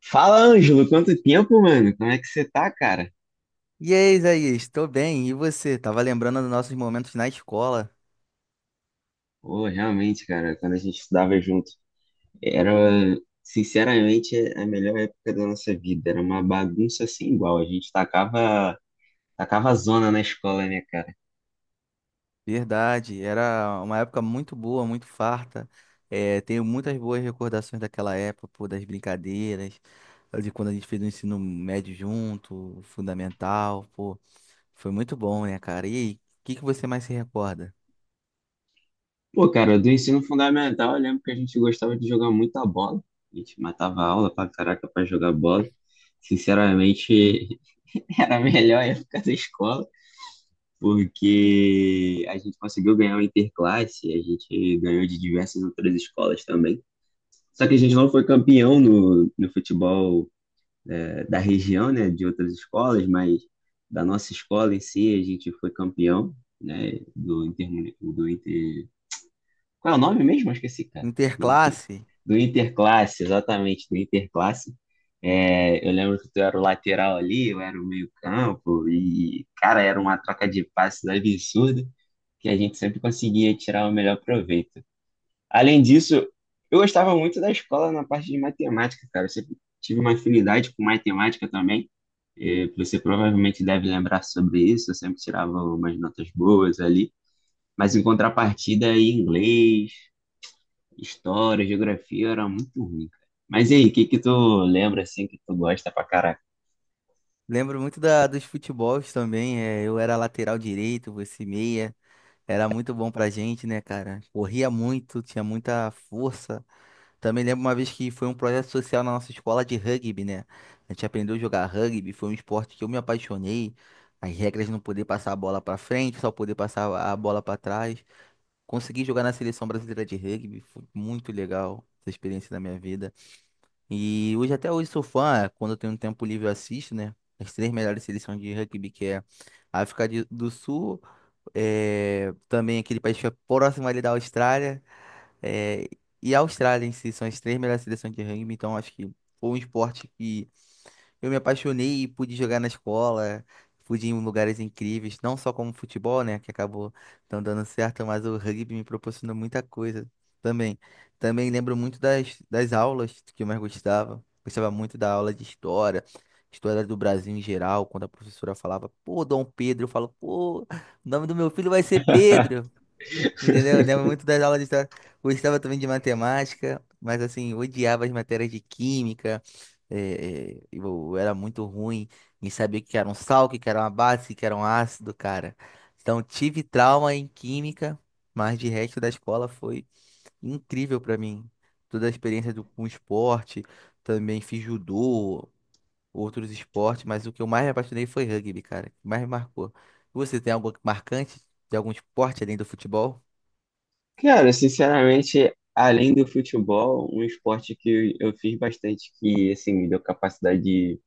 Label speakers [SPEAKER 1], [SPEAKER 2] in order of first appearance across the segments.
[SPEAKER 1] Fala, Ângelo, quanto tempo, mano? Como é que você tá, cara?
[SPEAKER 2] E aí, Isaías, estou bem. E você? Tava lembrando dos nossos momentos na escola.
[SPEAKER 1] Pô, realmente, cara, quando a gente estudava junto, era, sinceramente, a melhor época da nossa vida. Era uma bagunça sem igual. A gente tacava zona na escola, né, cara?
[SPEAKER 2] Verdade, era uma época muito boa, muito farta. É, tenho muitas boas recordações daquela época, pô, das brincadeiras, de quando a gente fez o ensino médio junto, o fundamental, pô. Foi muito bom, né, cara? E aí, o que que você mais se recorda?
[SPEAKER 1] Pô, cara, do ensino fundamental, eu lembro que a gente gostava de jogar muita bola. A gente matava a aula pra caraca pra jogar bola. Sinceramente, era a melhor época da escola, porque a gente conseguiu ganhar o Interclasse. A gente ganhou de diversas outras escolas também. Só que a gente não foi campeão no futebol, da região, né, de outras escolas. Mas da nossa escola em si a gente foi campeão, né, Qual é o nome mesmo? Eu esqueci, cara. Do Inter,
[SPEAKER 2] Interclasse?
[SPEAKER 1] do Interclasse, exatamente, do Interclasse. É, eu lembro que tu era o lateral ali, eu era o meio campo, e, cara, era uma troca de passes absurda que a gente sempre conseguia tirar o melhor proveito. Além disso, eu gostava muito da escola na parte de matemática, cara. Eu sempre tive uma afinidade com matemática também. Você provavelmente deve lembrar sobre isso. Eu sempre tirava umas notas boas ali. Mas em contrapartida, em inglês, história, geografia era muito ruim, cara. Mas e aí, o que que tu lembra assim que tu gosta pra caraca?
[SPEAKER 2] Lembro muito dos futebols também. É, eu era lateral direito, você meia. Era muito bom pra gente, né, cara? Corria muito, tinha muita força. Também lembro uma vez que foi um projeto social na nossa escola de rugby, né? A gente aprendeu a jogar rugby, foi um esporte que eu me apaixonei. As regras de não poder passar a bola pra frente, só poder passar a bola pra trás. Consegui jogar na seleção brasileira de rugby, foi muito legal essa experiência da minha vida. E hoje até hoje sou fã, é, quando eu tenho um tempo livre eu assisto, né? As três melhores seleções de rugby que é a do Sul é, também aquele país fica próximo ali da Austrália, é, e a Austrália em si são as três melhores seleções de rugby, então acho que foi um esporte que eu me apaixonei e pude jogar na escola, pude ir em lugares incríveis, não só como futebol, né, que acabou não dando certo, mas o rugby me proporcionou muita coisa também. Também lembro muito das aulas que eu mais gostava. Gostava muito da aula de história, história do Brasil em geral, quando a professora falava, pô, Dom Pedro, eu falo, pô, o nome do meu filho vai ser Pedro. Entendeu? Eu lembro muito das aulas de história. Gostava também de matemática, mas assim, odiava as matérias de química. Eu era muito ruim em saber o que era um sal, o que era uma base, o que era um ácido, cara. Então, tive trauma em química, mas de resto da escola foi incrível pra mim. Toda a experiência do, com esporte, também fiz judô, outros esportes, mas o que eu mais me apaixonei foi rugby, cara. O que mais me marcou. Você tem algo marcante de algum esporte além do futebol?
[SPEAKER 1] Cara, sinceramente, além do futebol, um esporte que eu fiz bastante que assim me deu capacidade de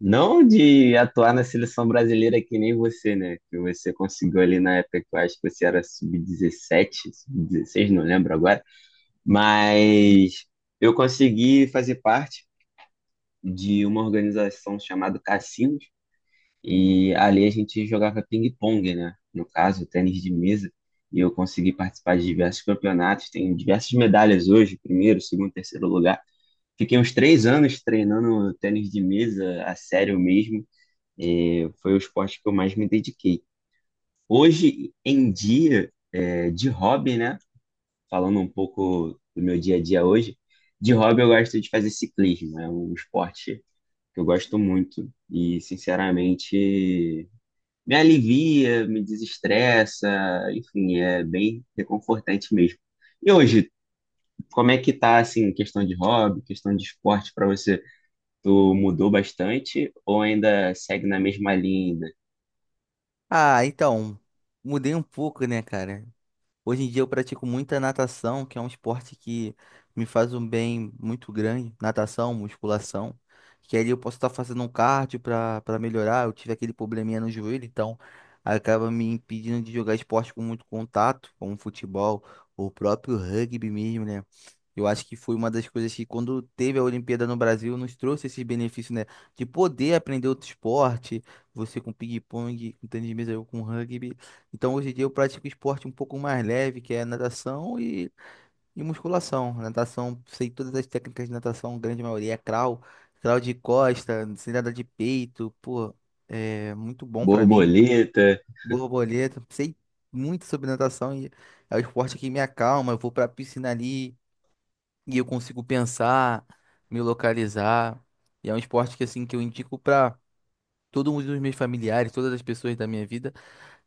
[SPEAKER 1] não de atuar na seleção brasileira que nem você, né? Que você conseguiu ali na época que eu acho que você era sub-16, não lembro agora. Mas eu consegui fazer parte de uma organização chamada Cassinos. E ali a gente jogava ping-pong, né? No caso, tênis de mesa. E eu consegui participar de diversos campeonatos. Tenho diversas medalhas hoje, primeiro, segundo, terceiro lugar. Fiquei uns 3 anos treinando tênis de mesa a sério mesmo. Foi o esporte que eu mais me dediquei. Hoje em dia, de hobby, né? Falando um pouco do meu dia a dia hoje, de hobby eu gosto de fazer ciclismo. É um esporte que eu gosto muito e, sinceramente, me alivia, me desestressa, enfim, é bem reconfortante mesmo. E hoje, como é que tá, assim, questão de hobby, questão de esporte para você? Tu mudou bastante ou ainda segue na mesma linha? Ainda?
[SPEAKER 2] Ah, então, mudei um pouco, né, cara? Hoje em dia eu pratico muita natação, que é um esporte que me faz um bem muito grande. Natação, musculação. Que ali eu posso estar fazendo um cardio para melhorar. Eu tive aquele probleminha no joelho, então acaba me impedindo de jogar esporte com muito contato, como futebol, ou o próprio rugby mesmo, né? Eu acho que foi uma das coisas que, quando teve a Olimpíada no Brasil, nos trouxe esse benefício, né? De poder aprender outro esporte, você com ping-pong, com tênis de mesa, eu com rugby. Então, hoje em dia eu pratico esporte um pouco mais leve, que é natação e musculação. Natação, sei todas as técnicas de natação, a grande maioria é crawl, crawl de costa, sei nadar de peito, pô, é muito bom pra mim.
[SPEAKER 1] Borboleta.
[SPEAKER 2] Borboleta, sei muito sobre natação e é o esporte que me acalma. Eu vou pra piscina ali e eu consigo pensar, me localizar. E é um esporte que, assim, que eu indico pra todos os meus familiares, todas as pessoas da minha vida.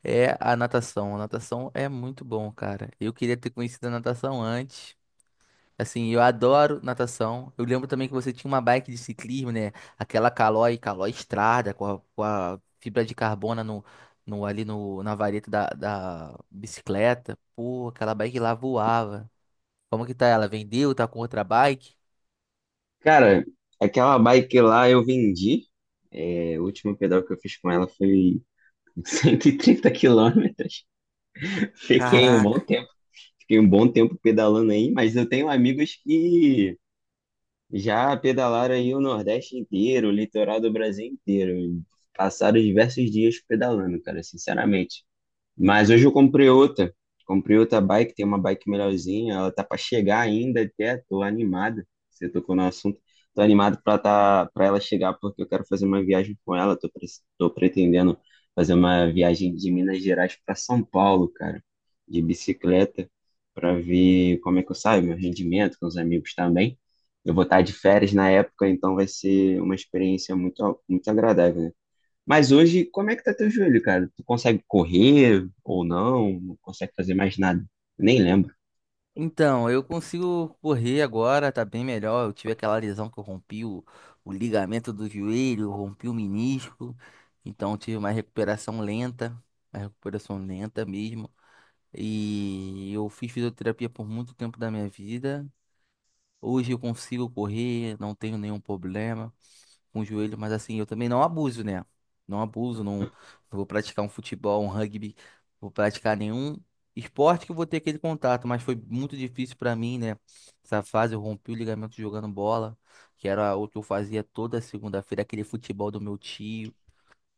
[SPEAKER 2] É a natação. A natação é muito bom, cara. Eu queria ter conhecido a natação antes. Assim, eu adoro natação. Eu lembro também que você tinha uma bike de ciclismo, né? Aquela Caloi, Caloi Estrada, com a fibra de carbono no, no- ali no, na vareta da bicicleta. Pô, aquela bike lá voava. Como que tá ela? Vendeu? Tá com outra bike?
[SPEAKER 1] Cara, aquela bike lá eu vendi. É, o último pedal que eu fiz com ela foi 130 km. Fiquei um bom
[SPEAKER 2] Caraca.
[SPEAKER 1] tempo. Fiquei um bom tempo pedalando aí, mas eu tenho amigos que já pedalaram aí o Nordeste inteiro, o litoral do Brasil inteiro, e passaram diversos dias pedalando, cara, sinceramente. Mas hoje eu comprei outra. Comprei outra bike, tem uma bike melhorzinha. Ela tá para chegar ainda até. Tô animado. Você tocou no assunto. Tô animado para tá, para ela chegar porque eu quero fazer uma viagem com ela. Tô pretendendo fazer uma viagem de Minas Gerais para São Paulo, cara, de bicicleta, para ver como é que eu saio, meu rendimento com os amigos também. Eu vou estar de férias na época, então vai ser uma experiência muito, muito agradável, né? Mas hoje, como é que tá teu joelho, cara? Tu consegue correr ou não? Não consegue fazer mais nada? Nem lembro.
[SPEAKER 2] Então, eu consigo correr agora, tá bem melhor. Eu tive aquela lesão que o ligamento do joelho, rompi o menisco, então tive uma recuperação lenta mesmo. E eu fiz fisioterapia por muito tempo da minha vida. Hoje eu consigo correr, não tenho nenhum problema um joelho, mas assim, eu também não abuso, né? Não abuso, não vou praticar um futebol, um rugby, não vou praticar nenhum esporte que eu vou ter aquele contato, mas foi muito difícil pra mim, né? Essa fase eu rompi o ligamento jogando bola, que era o que eu fazia toda segunda-feira, aquele futebol do meu tio,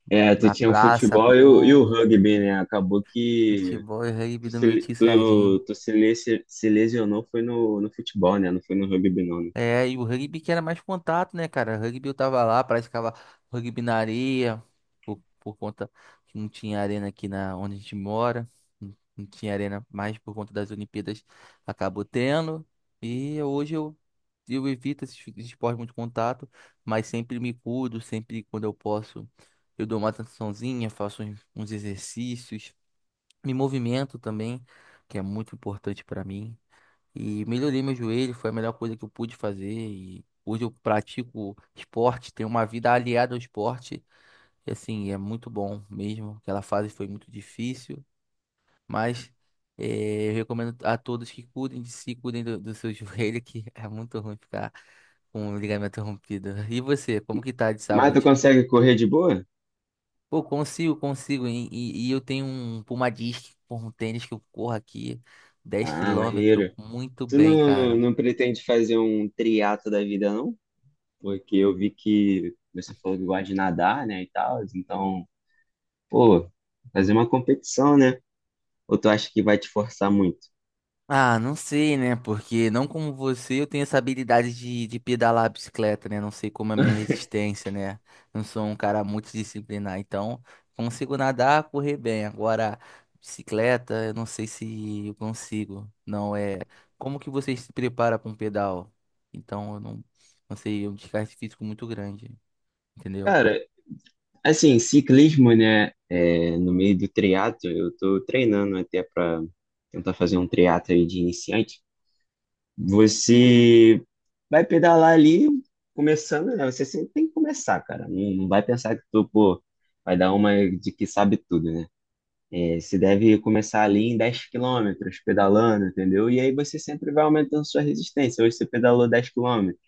[SPEAKER 1] É, tu
[SPEAKER 2] na
[SPEAKER 1] tinha o
[SPEAKER 2] praça,
[SPEAKER 1] futebol e o,
[SPEAKER 2] pô,
[SPEAKER 1] rugby, né? Acabou que
[SPEAKER 2] futebol e rugby
[SPEAKER 1] tu
[SPEAKER 2] do meu
[SPEAKER 1] se,
[SPEAKER 2] tio
[SPEAKER 1] tu,
[SPEAKER 2] Serginho.
[SPEAKER 1] tu se, le- se- se lesionou foi no futebol, né? Não foi no rugby, não, né?
[SPEAKER 2] É, e o rugby que era mais contato, né, cara? Rugby eu tava lá, praticava rugby na areia, por conta que não tinha arena aqui na onde a gente mora, não tinha arena mais por conta das Olimpíadas, acabou tendo. E hoje eu, eu evito esses esportes muito contato, mas sempre me cuido, sempre quando eu posso, eu dou uma atençãozinha, faço uns exercícios, me movimento também, que é muito importante pra mim. E melhorei meu joelho, foi a melhor coisa que eu pude fazer. E hoje eu pratico esporte, tenho uma vida aliada ao esporte. E assim, é muito bom mesmo. Aquela fase foi muito difícil, mas eu recomendo a todos que cuidem de si, cuidem do seu joelho, que é muito ruim ficar com o ligamento rompido. E você, como que tá de
[SPEAKER 1] Mas tu
[SPEAKER 2] saúde?
[SPEAKER 1] consegue correr de boa?
[SPEAKER 2] Pô, consigo, consigo. E eu tenho um Puma Disc, um tênis que eu corro aqui dez
[SPEAKER 1] Ah,
[SPEAKER 2] km
[SPEAKER 1] maneiro.
[SPEAKER 2] muito
[SPEAKER 1] Tu
[SPEAKER 2] bem,
[SPEAKER 1] não,
[SPEAKER 2] cara.
[SPEAKER 1] não pretende fazer um triatlo da vida, não? Porque eu vi que você falou que gosta de nadar, né, e tal. Então, pô, fazer uma competição, né? Ou tu acha que vai te forçar muito?
[SPEAKER 2] Ah, não sei, né? Porque não como você, eu tenho essa habilidade de pedalar a bicicleta, né? Não sei como é a minha resistência, né? Não sou um cara multidisciplinar, então consigo nadar, correr bem. Agora, bicicleta, eu não sei se eu consigo. Não é. Como que você se prepara para um pedal? Então, eu não, não sei, é um desgaste físico muito grande, entendeu?
[SPEAKER 1] Cara, assim, ciclismo, né? No meio do triatlo, eu tô treinando até para tentar fazer um triatlo aí de iniciante. Você vai pedalar ali, começando, né? Você sempre tem que começar, cara. Não, não vai pensar que tu, pô, vai dar uma de que sabe tudo, né? É, você deve começar ali em 10 km pedalando, entendeu? E aí você sempre vai aumentando sua resistência. Hoje você pedalou 10 km.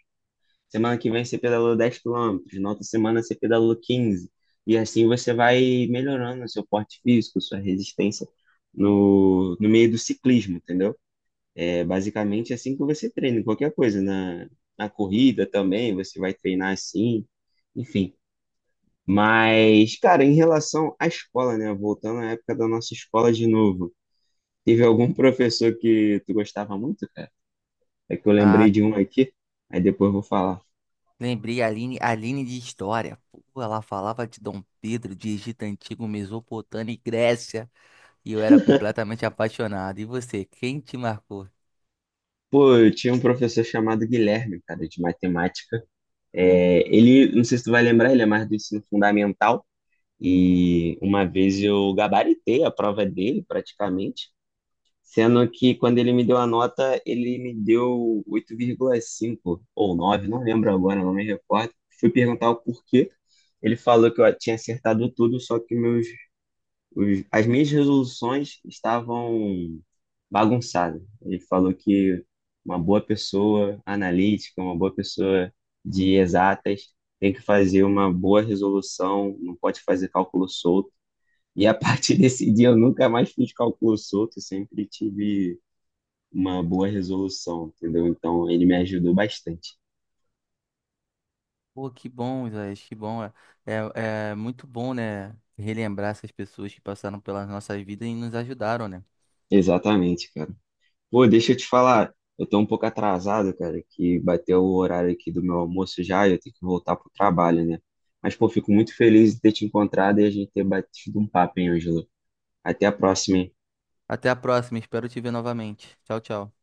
[SPEAKER 1] Semana que vem você pedalou 10 km, na outra semana você pedalou 15. E assim você vai melhorando o seu porte físico, sua resistência no meio do ciclismo, entendeu? É basicamente assim que você treina, em qualquer coisa. Na corrida também, você vai treinar assim, enfim. Mas, cara, em relação à escola, né? Voltando à época da nossa escola de novo, teve algum professor que tu gostava muito, cara? É que eu
[SPEAKER 2] Ah,
[SPEAKER 1] lembrei de um aqui, aí depois eu vou falar.
[SPEAKER 2] lembrei a Aline, Aline de História. Pô, ela falava de Dom Pedro, de Egito Antigo, Mesopotâmia e Grécia. E eu era completamente apaixonado. E você, quem te marcou?
[SPEAKER 1] Pô, eu tinha um professor chamado Guilherme, cara, de matemática. É, ele, não sei se tu vai lembrar, ele é mais do ensino fundamental. E uma vez eu gabaritei a prova dele, praticamente. Sendo que quando ele me deu a nota, ele me deu 8,5 ou 9, não lembro agora, não me recordo. Fui perguntar o porquê. Ele falou que eu tinha acertado tudo, só que as minhas resoluções estavam bagunçadas. Ele falou que uma boa pessoa analítica, uma boa pessoa de exatas, tem que fazer uma boa resolução, não pode fazer cálculo solto. E a partir desse dia eu nunca mais fiz cálculo solto, eu sempre tive uma boa resolução, entendeu? Então ele me ajudou bastante.
[SPEAKER 2] Pô, que bom, Isaías, que bom. É é muito bom, né? Relembrar essas pessoas que passaram pelas nossas vidas e nos ajudaram, né?
[SPEAKER 1] Exatamente, cara. Pô, deixa eu te falar, eu tô um pouco atrasado, cara, que bateu o horário aqui do meu almoço já e eu tenho que voltar pro trabalho, né? Mas, pô, fico muito feliz de ter te encontrado e a gente ter batido um papo, hein, Ângelo? Até a próxima, hein?
[SPEAKER 2] Até a próxima, espero te ver novamente. Tchau, tchau.